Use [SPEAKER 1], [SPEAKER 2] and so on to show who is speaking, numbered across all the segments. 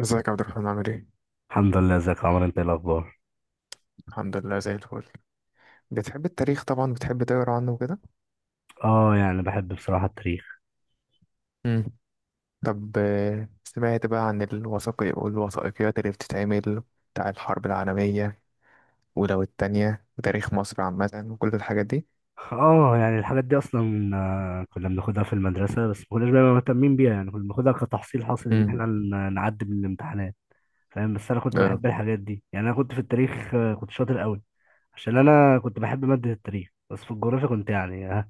[SPEAKER 1] ازيك يا عبد الرحمن عامل ايه؟
[SPEAKER 2] الحمد لله ازيك يا عمر انت ايه الاخبار.
[SPEAKER 1] الحمد لله، زي الفل. بتحب التاريخ طبعا، بتحب تقرا عنه وكده.
[SPEAKER 2] اه يعني بحب بصراحه التاريخ.
[SPEAKER 1] مم. طب، سمعت بقى عن الوثائقي والوثائقيات اللي بتتعمل بتاع الحرب العالمية، ولو التانية، وتاريخ مصر عامة وكل الحاجات دي.
[SPEAKER 2] اه يعني الحاجات دي اصلا كنا بناخدها في المدرسه، بس ما كناش بقى مهتمين بيها، يعني كنا بناخدها كتحصيل حاصل ان
[SPEAKER 1] مم.
[SPEAKER 2] احنا نعدي من الامتحانات. فاهم، بس انا كنت
[SPEAKER 1] اه،
[SPEAKER 2] بحب الحاجات دي، يعني انا كنت في التاريخ كنت شاطر قوي. عشان انا كنت بحب ماده التاريخ، بس في الجغرافيا كنت يعني ها.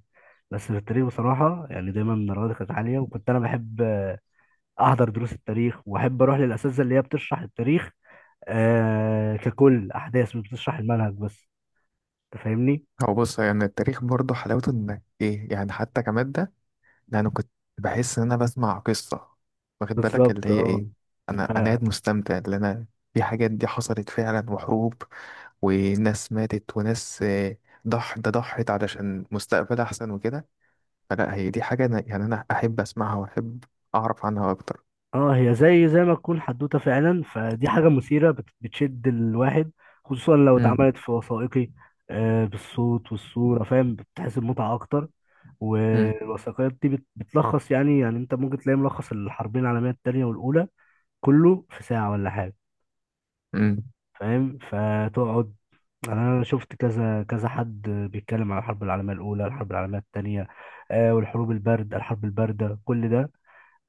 [SPEAKER 2] بس في التاريخ بصراحه يعني دايما درجاتي كانت عاليه، وكنت انا بحب احضر دروس التاريخ واحب اروح للاساتذه اللي هي بتشرح التاريخ آه ككل احداث، مش بتشرح المنهج بس. انت فاهمني.
[SPEAKER 1] هو بص، يعني التاريخ برضه حلاوته انك ايه يعني، حتى كمادة. ده انا كنت بحس ان انا بسمع قصة، واخد بالك؟ اللي
[SPEAKER 2] بالظبط
[SPEAKER 1] هي
[SPEAKER 2] اه.
[SPEAKER 1] ايه. انا
[SPEAKER 2] ف...
[SPEAKER 1] انا قاعد مستمتع، اللي انا في حاجات دي حصلت فعلا، وحروب وناس ماتت وناس. ضح ده ضحت علشان مستقبل أحسن وكده. فلا، هي دي حاجة أنا أحب أسمعها وأحب أعرف عنها أكتر.
[SPEAKER 2] اه، هي زي ما تكون حدوته فعلا، فدي حاجه مثيره بتشد الواحد، خصوصا لو
[SPEAKER 1] امم.
[SPEAKER 2] اتعملت في وثائقي. آه بالصوت والصوره، فاهم، بتحس بمتعه اكتر.
[SPEAKER 1] امم.
[SPEAKER 2] والوثائقيات دي بتلخص، يعني يعني انت ممكن تلاقي ملخص الحربين العالميه الثانيه والاولى كله في ساعه ولا حاجه.
[SPEAKER 1] امم.
[SPEAKER 2] فاهم، فتقعد يعني انا شفت كذا كذا حد بيتكلم على الحرب العالميه الاولى، الحرب العالميه الثانيه، آه والحروب البارد، الحرب البارده كل ده.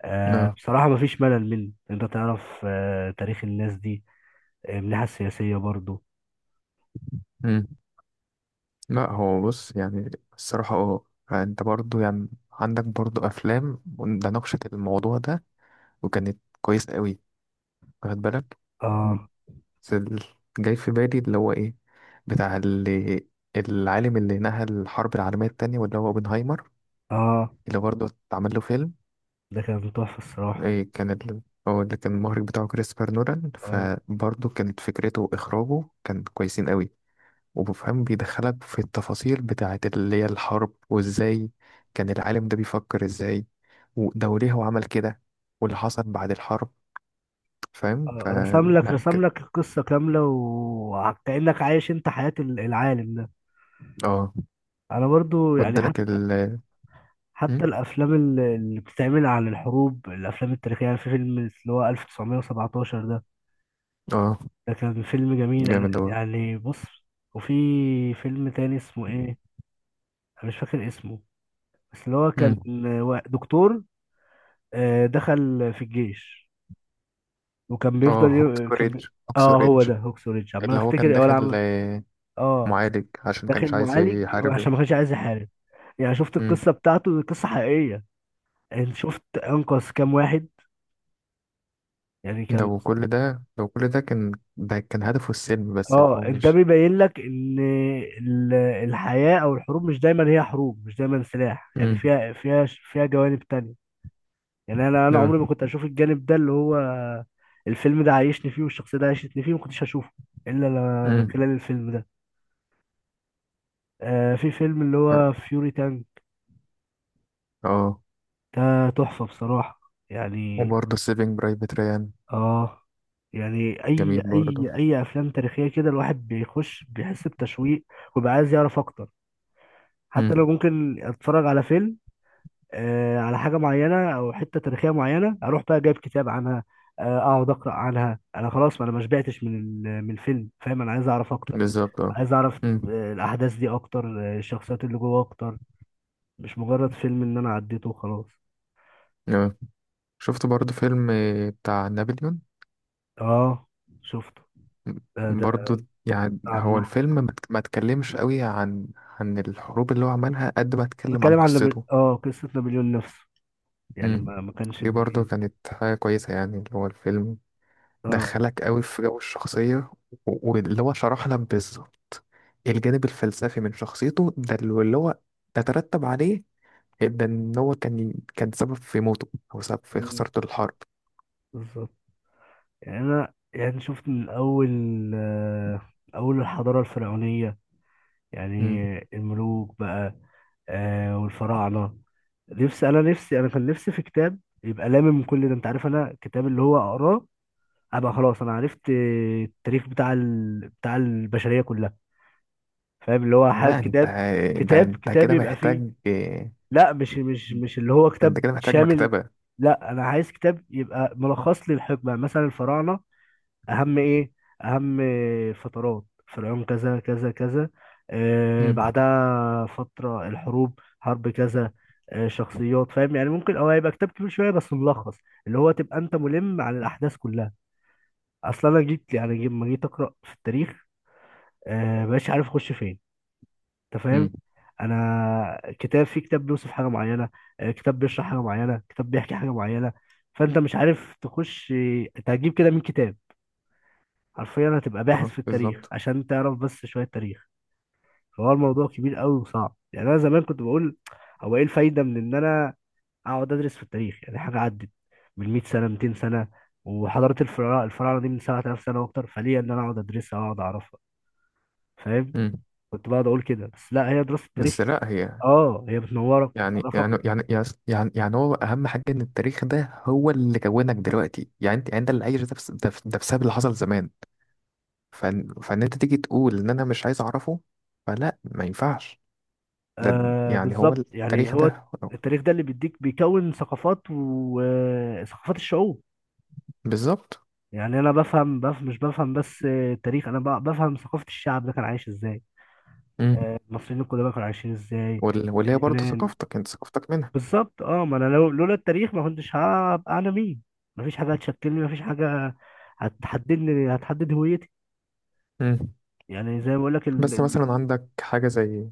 [SPEAKER 2] آه
[SPEAKER 1] اه.
[SPEAKER 2] بصراحه مفيش ملل منه، انت تعرف آه تاريخ الناس دي من الناحيه السياسيه برضو.
[SPEAKER 1] امم. لا، هو بص، يعني الصراحة اه، أنت برضو يعني عندك برضو أفلام. ده ناقشت الموضوع ده وكانت كويس قوي، واخد بالك. م-
[SPEAKER 2] اه
[SPEAKER 1] بس جاي في بالي اللي هو إيه، بتاع اللي العالم اللي نهى الحرب العالمية التانية واللي هو اوبنهايمر،
[SPEAKER 2] اه،
[SPEAKER 1] اللي برضه اتعمل له فيلم.
[SPEAKER 2] ده كان تحفه الصراحه.
[SPEAKER 1] إيه كان ال... هو اللي كان المخرج بتاعه كريستوفر نولان،
[SPEAKER 2] اه،
[SPEAKER 1] فبرضه كانت فكرته وإخراجه كان كويسين قوي. وبفهم بيدخلك في التفاصيل بتاعة اللي هي الحرب، وإزاي كان العالم ده بيفكر إزاي، وده وليه هو عمل كده، واللي حصل بعد الحرب. فاهم؟
[SPEAKER 2] رسم لك
[SPEAKER 1] لا
[SPEAKER 2] رسم
[SPEAKER 1] كده،
[SPEAKER 2] لك القصه كامله، وكانك عايش انت حياه العالم ده.
[SPEAKER 1] اه.
[SPEAKER 2] انا برضو يعني
[SPEAKER 1] وادالك
[SPEAKER 2] حتى
[SPEAKER 1] مم؟
[SPEAKER 2] حتى الافلام اللي بتتعمل عن الحروب، الافلام التاريخيه، يعني في فيلم اللي هو 1917 ده.
[SPEAKER 1] اه.
[SPEAKER 2] ده كان فيلم جميل، انا
[SPEAKER 1] جامد أوي.
[SPEAKER 2] يعني بص. وفي فيلم تاني اسمه ايه، انا مش فاكر اسمه، بس اللي هو كان
[SPEAKER 1] مم.
[SPEAKER 2] دكتور دخل في الجيش وكان
[SPEAKER 1] اه،
[SPEAKER 2] بيفضل
[SPEAKER 1] هوكس
[SPEAKER 2] ي... كان بي...
[SPEAKER 1] ريدج، هوكس
[SPEAKER 2] اه، هو
[SPEAKER 1] ريدج
[SPEAKER 2] ده هوكس وريدج، عمال
[SPEAKER 1] اللي هو
[SPEAKER 2] افتكر
[SPEAKER 1] كان
[SPEAKER 2] ولا
[SPEAKER 1] داخل آه،
[SPEAKER 2] اه
[SPEAKER 1] معالج عشان
[SPEAKER 2] داخل
[SPEAKER 1] كانش عايز
[SPEAKER 2] معالج عشان
[SPEAKER 1] يحارب.
[SPEAKER 2] ما كانش عايز
[SPEAKER 1] مم.
[SPEAKER 2] يحارب. يعني شفت
[SPEAKER 1] مم.
[SPEAKER 2] القصه بتاعته دي، قصه حقيقيه. انت شفت انقذ كام واحد، يعني كان.
[SPEAKER 1] لو كل ده كان، ده كان هدفه السلم بس، اللي
[SPEAKER 2] اه
[SPEAKER 1] هو
[SPEAKER 2] ده
[SPEAKER 1] مش...
[SPEAKER 2] بيبين لك ان الحياة او الحروب مش دايما هي حروب، مش دايما سلاح، يعني
[SPEAKER 1] امم.
[SPEAKER 2] فيها جوانب تانية. يعني انا
[SPEAKER 1] اه.
[SPEAKER 2] عمري ما كنت اشوف الجانب ده، اللي هو الفيلم ده عايشني فيه، والشخصية ده عايشتني فيه، ما كنتش هشوفه الا من
[SPEAKER 1] امم.
[SPEAKER 2] خلال الفيلم ده. آه، في فيلم اللي هو فيوري تانج،
[SPEAKER 1] آه.
[SPEAKER 2] ده تحفة بصراحة. يعني
[SPEAKER 1] وبرضه سيفينج برايفت ريان.
[SPEAKER 2] اه يعني
[SPEAKER 1] جميل برضه.
[SPEAKER 2] اي افلام تاريخية كده، الواحد بيخش بيحس بتشويق، وبيبقى عايز يعرف اكتر. حتى
[SPEAKER 1] امم.
[SPEAKER 2] لو ممكن اتفرج على فيلم على حاجه معينه او حته تاريخيه معينه، اروح بقى جايب كتاب عنها اقعد اقرا عنها. انا خلاص ما انا ما شبعتش من من الفيلم، فاهم، انا عايز اعرف اكتر.
[SPEAKER 1] بالظبط، اه.
[SPEAKER 2] عايز اعرف
[SPEAKER 1] امم.
[SPEAKER 2] الاحداث دي اكتر الشخصيات اللي جوه اكتر. مش مجرد فيلم ان انا عديته وخلاص.
[SPEAKER 1] آه. شفت برضه فيلم، بتاع نابليون.
[SPEAKER 2] اه شفته. ده
[SPEAKER 1] برضه، يعني هو
[SPEAKER 2] عملاق.
[SPEAKER 1] الفيلم ما اتكلمش قوي عن الحروب اللي هو عملها قد ما اتكلم عن
[SPEAKER 2] بتكلم عن
[SPEAKER 1] قصته.
[SPEAKER 2] اه قصه نابليون نفسه، يعني
[SPEAKER 1] امم.
[SPEAKER 2] ما كانش
[SPEAKER 1] دي برضه
[SPEAKER 2] بي.
[SPEAKER 1] كانت حاجة كويسة، يعني اللي هو الفيلم
[SPEAKER 2] اه،
[SPEAKER 1] دخلك قوي في جو الشخصية. واللي هو شرح لك بالظبط الجانب الفلسفي من شخصيته، ده واللي هو ده ترتب عليه، ده ان هو كان سبب في موته، او سبب في
[SPEAKER 2] مم،
[SPEAKER 1] خسارته الحرب.
[SPEAKER 2] بالظبط. يعني انا يعني شفت من اول آه، اول الحضاره الفرعونيه، يعني
[SPEAKER 1] امم.
[SPEAKER 2] الملوك بقى، آه والفراعنة. نفسي أنا نفسي أنا كان نفسي في كتاب يبقى لامم كل ده، أنت عارف، أنا كتاب اللي هو أقراه أبقى خلاص أنا عرفت التاريخ بتاع بتاع البشرية كلها. فاهم، اللي هو
[SPEAKER 1] لا انت،
[SPEAKER 2] كتاب،
[SPEAKER 1] ده
[SPEAKER 2] كتاب
[SPEAKER 1] انت
[SPEAKER 2] كتاب
[SPEAKER 1] كده
[SPEAKER 2] يبقى فيه.
[SPEAKER 1] محتاج ده،
[SPEAKER 2] لا مش اللي هو
[SPEAKER 1] انت
[SPEAKER 2] كتاب
[SPEAKER 1] كده محتاج
[SPEAKER 2] شامل.
[SPEAKER 1] مكتبة.
[SPEAKER 2] لا أنا عايز كتاب يبقى ملخص لي الحكمة، مثلا الفراعنة اهم ايه، اهم فترات فرعون كذا كذا كذا. آه
[SPEAKER 1] امم.
[SPEAKER 2] بعدها فترة الحروب، حرب كذا، آه شخصيات، فاهم، يعني ممكن او هيبقى كتاب كبير شوية بس ملخص، اللي هو تبقى انت ملم عن الاحداث كلها. اصلا انا جيت يعني لما جيت اقرا في التاريخ، آه مبقاش عارف اخش فين. انت فاهم،
[SPEAKER 1] امم.
[SPEAKER 2] انا كتاب في كتاب بيوصف حاجة معينة، آه كتاب بيشرح حاجة معينة، كتاب بيحكي حاجة معينة، فانت مش عارف تخش انت هتجيب كده من كتاب، حرفيا هتبقى باحث
[SPEAKER 1] اه،
[SPEAKER 2] في التاريخ
[SPEAKER 1] بالظبط.
[SPEAKER 2] عشان تعرف بس شوية تاريخ. فهو الموضوع كبير قوي وصعب، يعني أنا زمان كنت بقول هو إيه الفايدة من إن أنا أقعد أدرس في التاريخ، يعني حاجة عدت من 100 سنة، 200 سنة، وحضارة الفراعنة الفراعنة دي من 7000 سنة وأكتر، فليه إن أنا أقعد أدرسها وأقعد أعرفها. فاهم،
[SPEAKER 1] امم.
[SPEAKER 2] كنت بقعد أقول كده، بس لا، هي دراسة التاريخ
[SPEAKER 1] بس لا هي،
[SPEAKER 2] أه هي بتنورك
[SPEAKER 1] يعني
[SPEAKER 2] وبتعرفك.
[SPEAKER 1] يعني يعني يعني يعني يعني هو اهم حاجه ان التاريخ ده هو اللي كونك دلوقتي، يعني انت اللي عايش ده، ده بسبب اللي حصل زمان. فإن انت تيجي تقول ان انا مش عايز اعرفه، فلا، ما ينفعش. ده
[SPEAKER 2] آه
[SPEAKER 1] يعني هو
[SPEAKER 2] بالظبط، يعني
[SPEAKER 1] التاريخ
[SPEAKER 2] هو
[SPEAKER 1] ده.
[SPEAKER 2] التاريخ ده اللي بيديك، بيكون ثقافات، وثقافات الشعوب.
[SPEAKER 1] بالظبط.
[SPEAKER 2] يعني انا بفهم مش بفهم بس التاريخ، انا بفهم ثقافة الشعب ده كان عايش ازاي،
[SPEAKER 1] امم.
[SPEAKER 2] المصريين القدماء كانوا عايشين ازاي،
[SPEAKER 1] واللي هي برضه
[SPEAKER 2] اليونان.
[SPEAKER 1] ثقافتك، انت ثقافتك منها.
[SPEAKER 2] بالظبط اه، ما انا لولا التاريخ ما كنتش هبقى انا مين. مفيش حاجة هتشكلني، مفيش حاجة هتحددني، هتحدد هويتي.
[SPEAKER 1] امم.
[SPEAKER 2] يعني زي ما بقول لك
[SPEAKER 1] بس مثلا عندك حاجة زي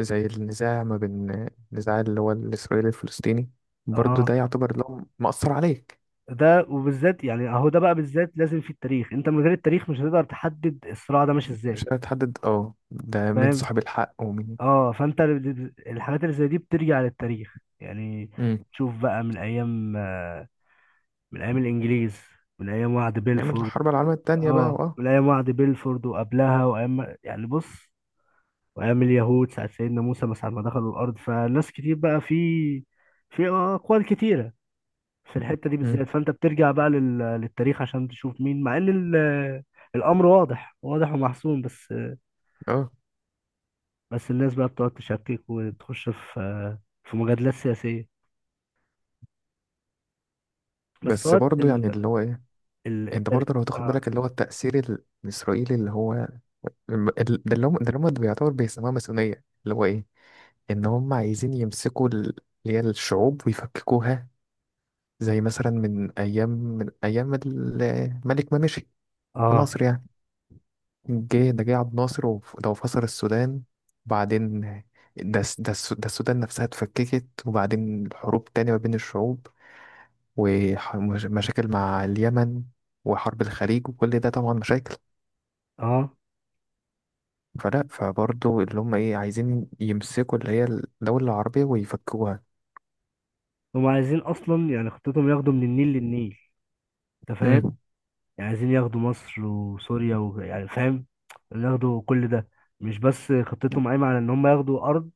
[SPEAKER 1] زي النزاع ما بين، النزاع اللي هو الإسرائيلي الفلسطيني. برضه
[SPEAKER 2] اه،
[SPEAKER 1] ده يعتبر لهم مأثر عليك.
[SPEAKER 2] ده وبالذات يعني اهو ده بقى بالذات لازم في التاريخ، انت من غير التاريخ مش هتقدر تحدد الصراع ده ماشي ازاي.
[SPEAKER 1] مش قادر تحدد، اه، ده مين
[SPEAKER 2] فاهم،
[SPEAKER 1] صاحب الحق ومين.
[SPEAKER 2] اه فانت الحاجات اللي زي دي بترجع للتاريخ، يعني
[SPEAKER 1] امم.
[SPEAKER 2] تشوف بقى من ايام من ايام الانجليز، من ايام وعد
[SPEAKER 1] نعمل
[SPEAKER 2] بيلفورد.
[SPEAKER 1] الحرب العالمية التانية بقى
[SPEAKER 2] اه
[SPEAKER 1] واه.
[SPEAKER 2] من ايام وعد بيلفورد وقبلها، وايام يعني بص، وايام اليهود ساعة سيدنا موسى ما ساعة ما دخلوا الارض. فناس كتير بقى في في اقوال كتيرة في الحتة دي
[SPEAKER 1] مم.
[SPEAKER 2] بالذات، فانت بترجع بقى للتاريخ عشان تشوف مين، مع ان الامر واضح ومحسوم، بس
[SPEAKER 1] اه.
[SPEAKER 2] بس الناس بقى بتقعد تشكك وتخش في في مجادلات سياسية. بس
[SPEAKER 1] بس
[SPEAKER 2] هو
[SPEAKER 1] برضه يعني اللي هو ايه،
[SPEAKER 2] ال...
[SPEAKER 1] انت
[SPEAKER 2] التر...
[SPEAKER 1] برضه لو تاخد
[SPEAKER 2] اه.
[SPEAKER 1] بالك اللي هو التأثير الإسرائيلي اللي هو ده اللي هم بيعتبر بيسموها ماسونية اللي هو إيه؟ إن هم عايزين يمسكوا اللي هي الشعوب ويفككوها. زي مثلا من أيام الملك ما مشي في
[SPEAKER 2] اه
[SPEAKER 1] مصر يعني، جه جه عبد الناصر، ده فصل السودان، وبعدين ده السودان نفسها اتفككت، وبعدين الحروب تانية ما بين الشعوب، ومشاكل مع اليمن، وحرب الخليج وكل ده طبعا مشاكل.
[SPEAKER 2] اه،
[SPEAKER 1] فلا، فبرضه اللي هم ايه عايزين يمسكوا اللي هي الدولة العربية ويفكوها.
[SPEAKER 2] هم عايزين اصلا يعني خطتهم ياخدوا من النيل للنيل. انت فاهم،
[SPEAKER 1] امم.
[SPEAKER 2] يعني عايزين ياخدوا مصر وسوريا و... يعني فاهم، ياخدوا كل ده، مش بس خطتهم قايمه على ان هم ياخدوا ارض.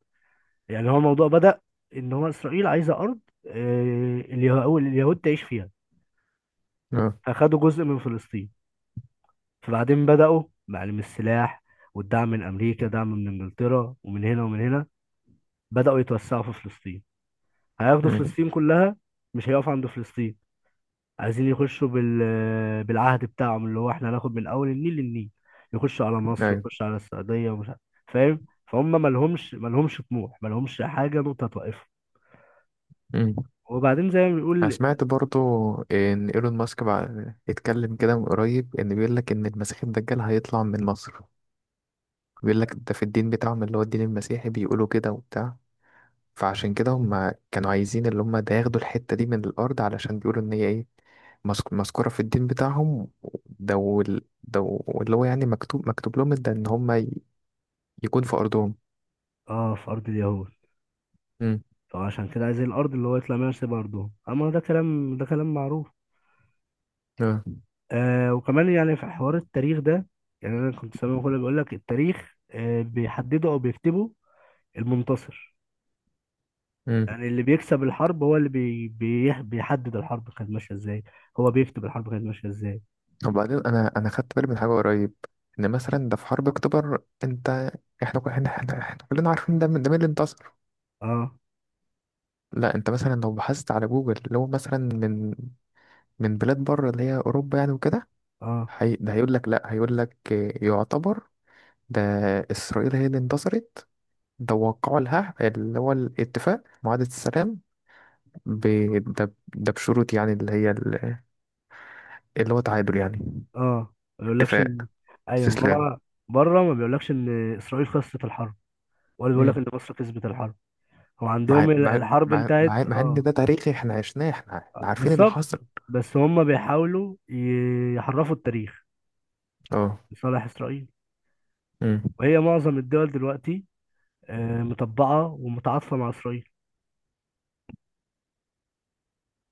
[SPEAKER 2] يعني هو الموضوع بدأ ان هو اسرائيل عايزه ارض اليهود تعيش فيها،
[SPEAKER 1] اه.
[SPEAKER 2] فخدوا جزء من فلسطين، فبعدين بدأوا معلم السلاح والدعم من امريكا، دعم من انجلترا ومن هنا ومن هنا، بدأوا يتوسعوا في فلسطين، هياخدوا
[SPEAKER 1] امم.
[SPEAKER 2] فلسطين كلها، مش هيقفوا عند فلسطين. عايزين يخشوا بالعهد بتاعهم، اللي هو احنا هناخد من اول النيل للنيل. يخشوا على مصر،
[SPEAKER 1] ايوه.
[SPEAKER 2] يخشوا على السعوديه ومش عارف. فاهم، فهم مالهمش طموح، مالهمش حاجه نقطه توقفهم.
[SPEAKER 1] امم.
[SPEAKER 2] وبعدين زي ما
[SPEAKER 1] انا
[SPEAKER 2] بيقول
[SPEAKER 1] سمعت برضه ان ايلون ماسك بقى اتكلم كده من قريب، ان بيقول لك ان المسيح الدجال هيطلع من مصر. بيقول لك ده في الدين بتاعهم، اللي هو الدين المسيحي بيقولوا كده وبتاع. فعشان كده هم كانوا عايزين اللي هم ده ياخدوا الحتة دي من الارض علشان بيقولوا ان هي ايه، مذكورة في الدين بتاعهم. ده واللي هو يعني مكتوب لهم ده ان هم يكون في أرضهم.
[SPEAKER 2] اه في ارض اليهود،
[SPEAKER 1] امم.
[SPEAKER 2] فعشان كده عايزين الارض اللي هو يطلع منها، سيب ارضهم، اما ده كلام، ده كلام معروف.
[SPEAKER 1] اه.
[SPEAKER 2] آه وكمان يعني في حوار التاريخ ده، يعني انا كنت سامع كله بيقول لك التاريخ آه بيحدده او بيكتبه المنتصر.
[SPEAKER 1] امم.
[SPEAKER 2] يعني اللي بيكسب الحرب هو اللي بيحدد الحرب كانت ماشيه ازاي، هو بيكتب الحرب كانت ماشيه ازاي.
[SPEAKER 1] وبعدين أنا خدت بالي من حاجة قريب، إن مثلا ده في حرب أكتوبر، أنت. إحنا كلنا عارفين ده، من ده مين اللي انتصر.
[SPEAKER 2] اه
[SPEAKER 1] لا، أنت مثلا لو بحثت على جوجل، اللي هو مثلا من بلاد بره، اللي هي أوروبا يعني وكده،
[SPEAKER 2] اه
[SPEAKER 1] هي ده هيقول لك، لا، هيقول لك يعتبر ده إسرائيل هي اللي انتصرت، ده وقعوا لها اللي هو الاتفاق، معاهدة السلام. ب... ده بشروط، يعني اللي هي اللي هو تعادل، يعني
[SPEAKER 2] اه، ما بيقولكش
[SPEAKER 1] اتفاق
[SPEAKER 2] ان ايوه
[SPEAKER 1] استسلام.
[SPEAKER 2] هو. بره ما بيقولكش ان اسرائيل خسرت الحرب، ولا بيقولك ان مصر كسبت الحرب. هو
[SPEAKER 1] مع
[SPEAKER 2] عندهم
[SPEAKER 1] مع
[SPEAKER 2] الحرب
[SPEAKER 1] مع
[SPEAKER 2] انتهت.
[SPEAKER 1] مع, مع ان
[SPEAKER 2] اه
[SPEAKER 1] ده تاريخي، احنا عشناه، احنا عارفين اللي
[SPEAKER 2] بالظبط،
[SPEAKER 1] حصل.
[SPEAKER 2] بس هم بيحاولوا يحرفوا التاريخ
[SPEAKER 1] اه.
[SPEAKER 2] لصالح اسرائيل.
[SPEAKER 1] امم.
[SPEAKER 2] وهي معظم الدول دلوقتي مطبعه ومتعاطفه مع اسرائيل.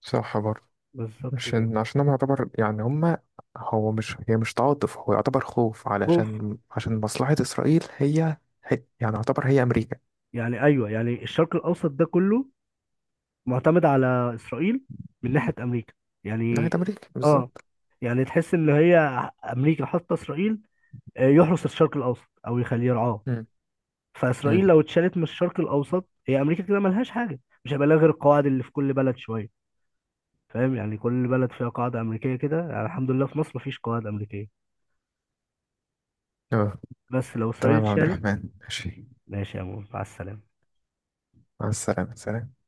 [SPEAKER 1] صح برضه.
[SPEAKER 2] بالظبط كده.
[SPEAKER 1] عشان هو يعتبر يعني هما، هو مش، هي مش تعاطف، هو يعتبر خوف،
[SPEAKER 2] خوف.
[SPEAKER 1] علشان مصلحة إسرائيل، هي، هي يعني يعتبر هي أمريكا.
[SPEAKER 2] يعني ايوه يعني الشرق الاوسط ده كله معتمد على إسرائيل من ناحية أمريكا،
[SPEAKER 1] ناحية
[SPEAKER 2] يعني
[SPEAKER 1] أمريكا
[SPEAKER 2] آه.
[SPEAKER 1] بالظبط.
[SPEAKER 2] يعني تحس إن هي أمريكا حاطة إسرائيل يحرس الشرق الأوسط أو يخليه يرعاه.
[SPEAKER 1] امم.
[SPEAKER 2] فإسرائيل
[SPEAKER 1] امم.
[SPEAKER 2] لو اتشالت من الشرق الأوسط، هي أمريكا كده ملهاش حاجة، مش هيبقى لها غير القواعد اللي في كل بلد شوية. فاهم، يعني كل بلد فيها قاعدة أمريكية كده، يعني الحمد لله في مصر مفيش قواعد أمريكية،
[SPEAKER 1] اه.
[SPEAKER 2] بس لو إسرائيل
[SPEAKER 1] تمام يا عبد
[SPEAKER 2] اتشالت.
[SPEAKER 1] الرحمن، ماشي.
[SPEAKER 2] ماشي يا مول، مع السلامة.
[SPEAKER 1] مع السلامة، سلام.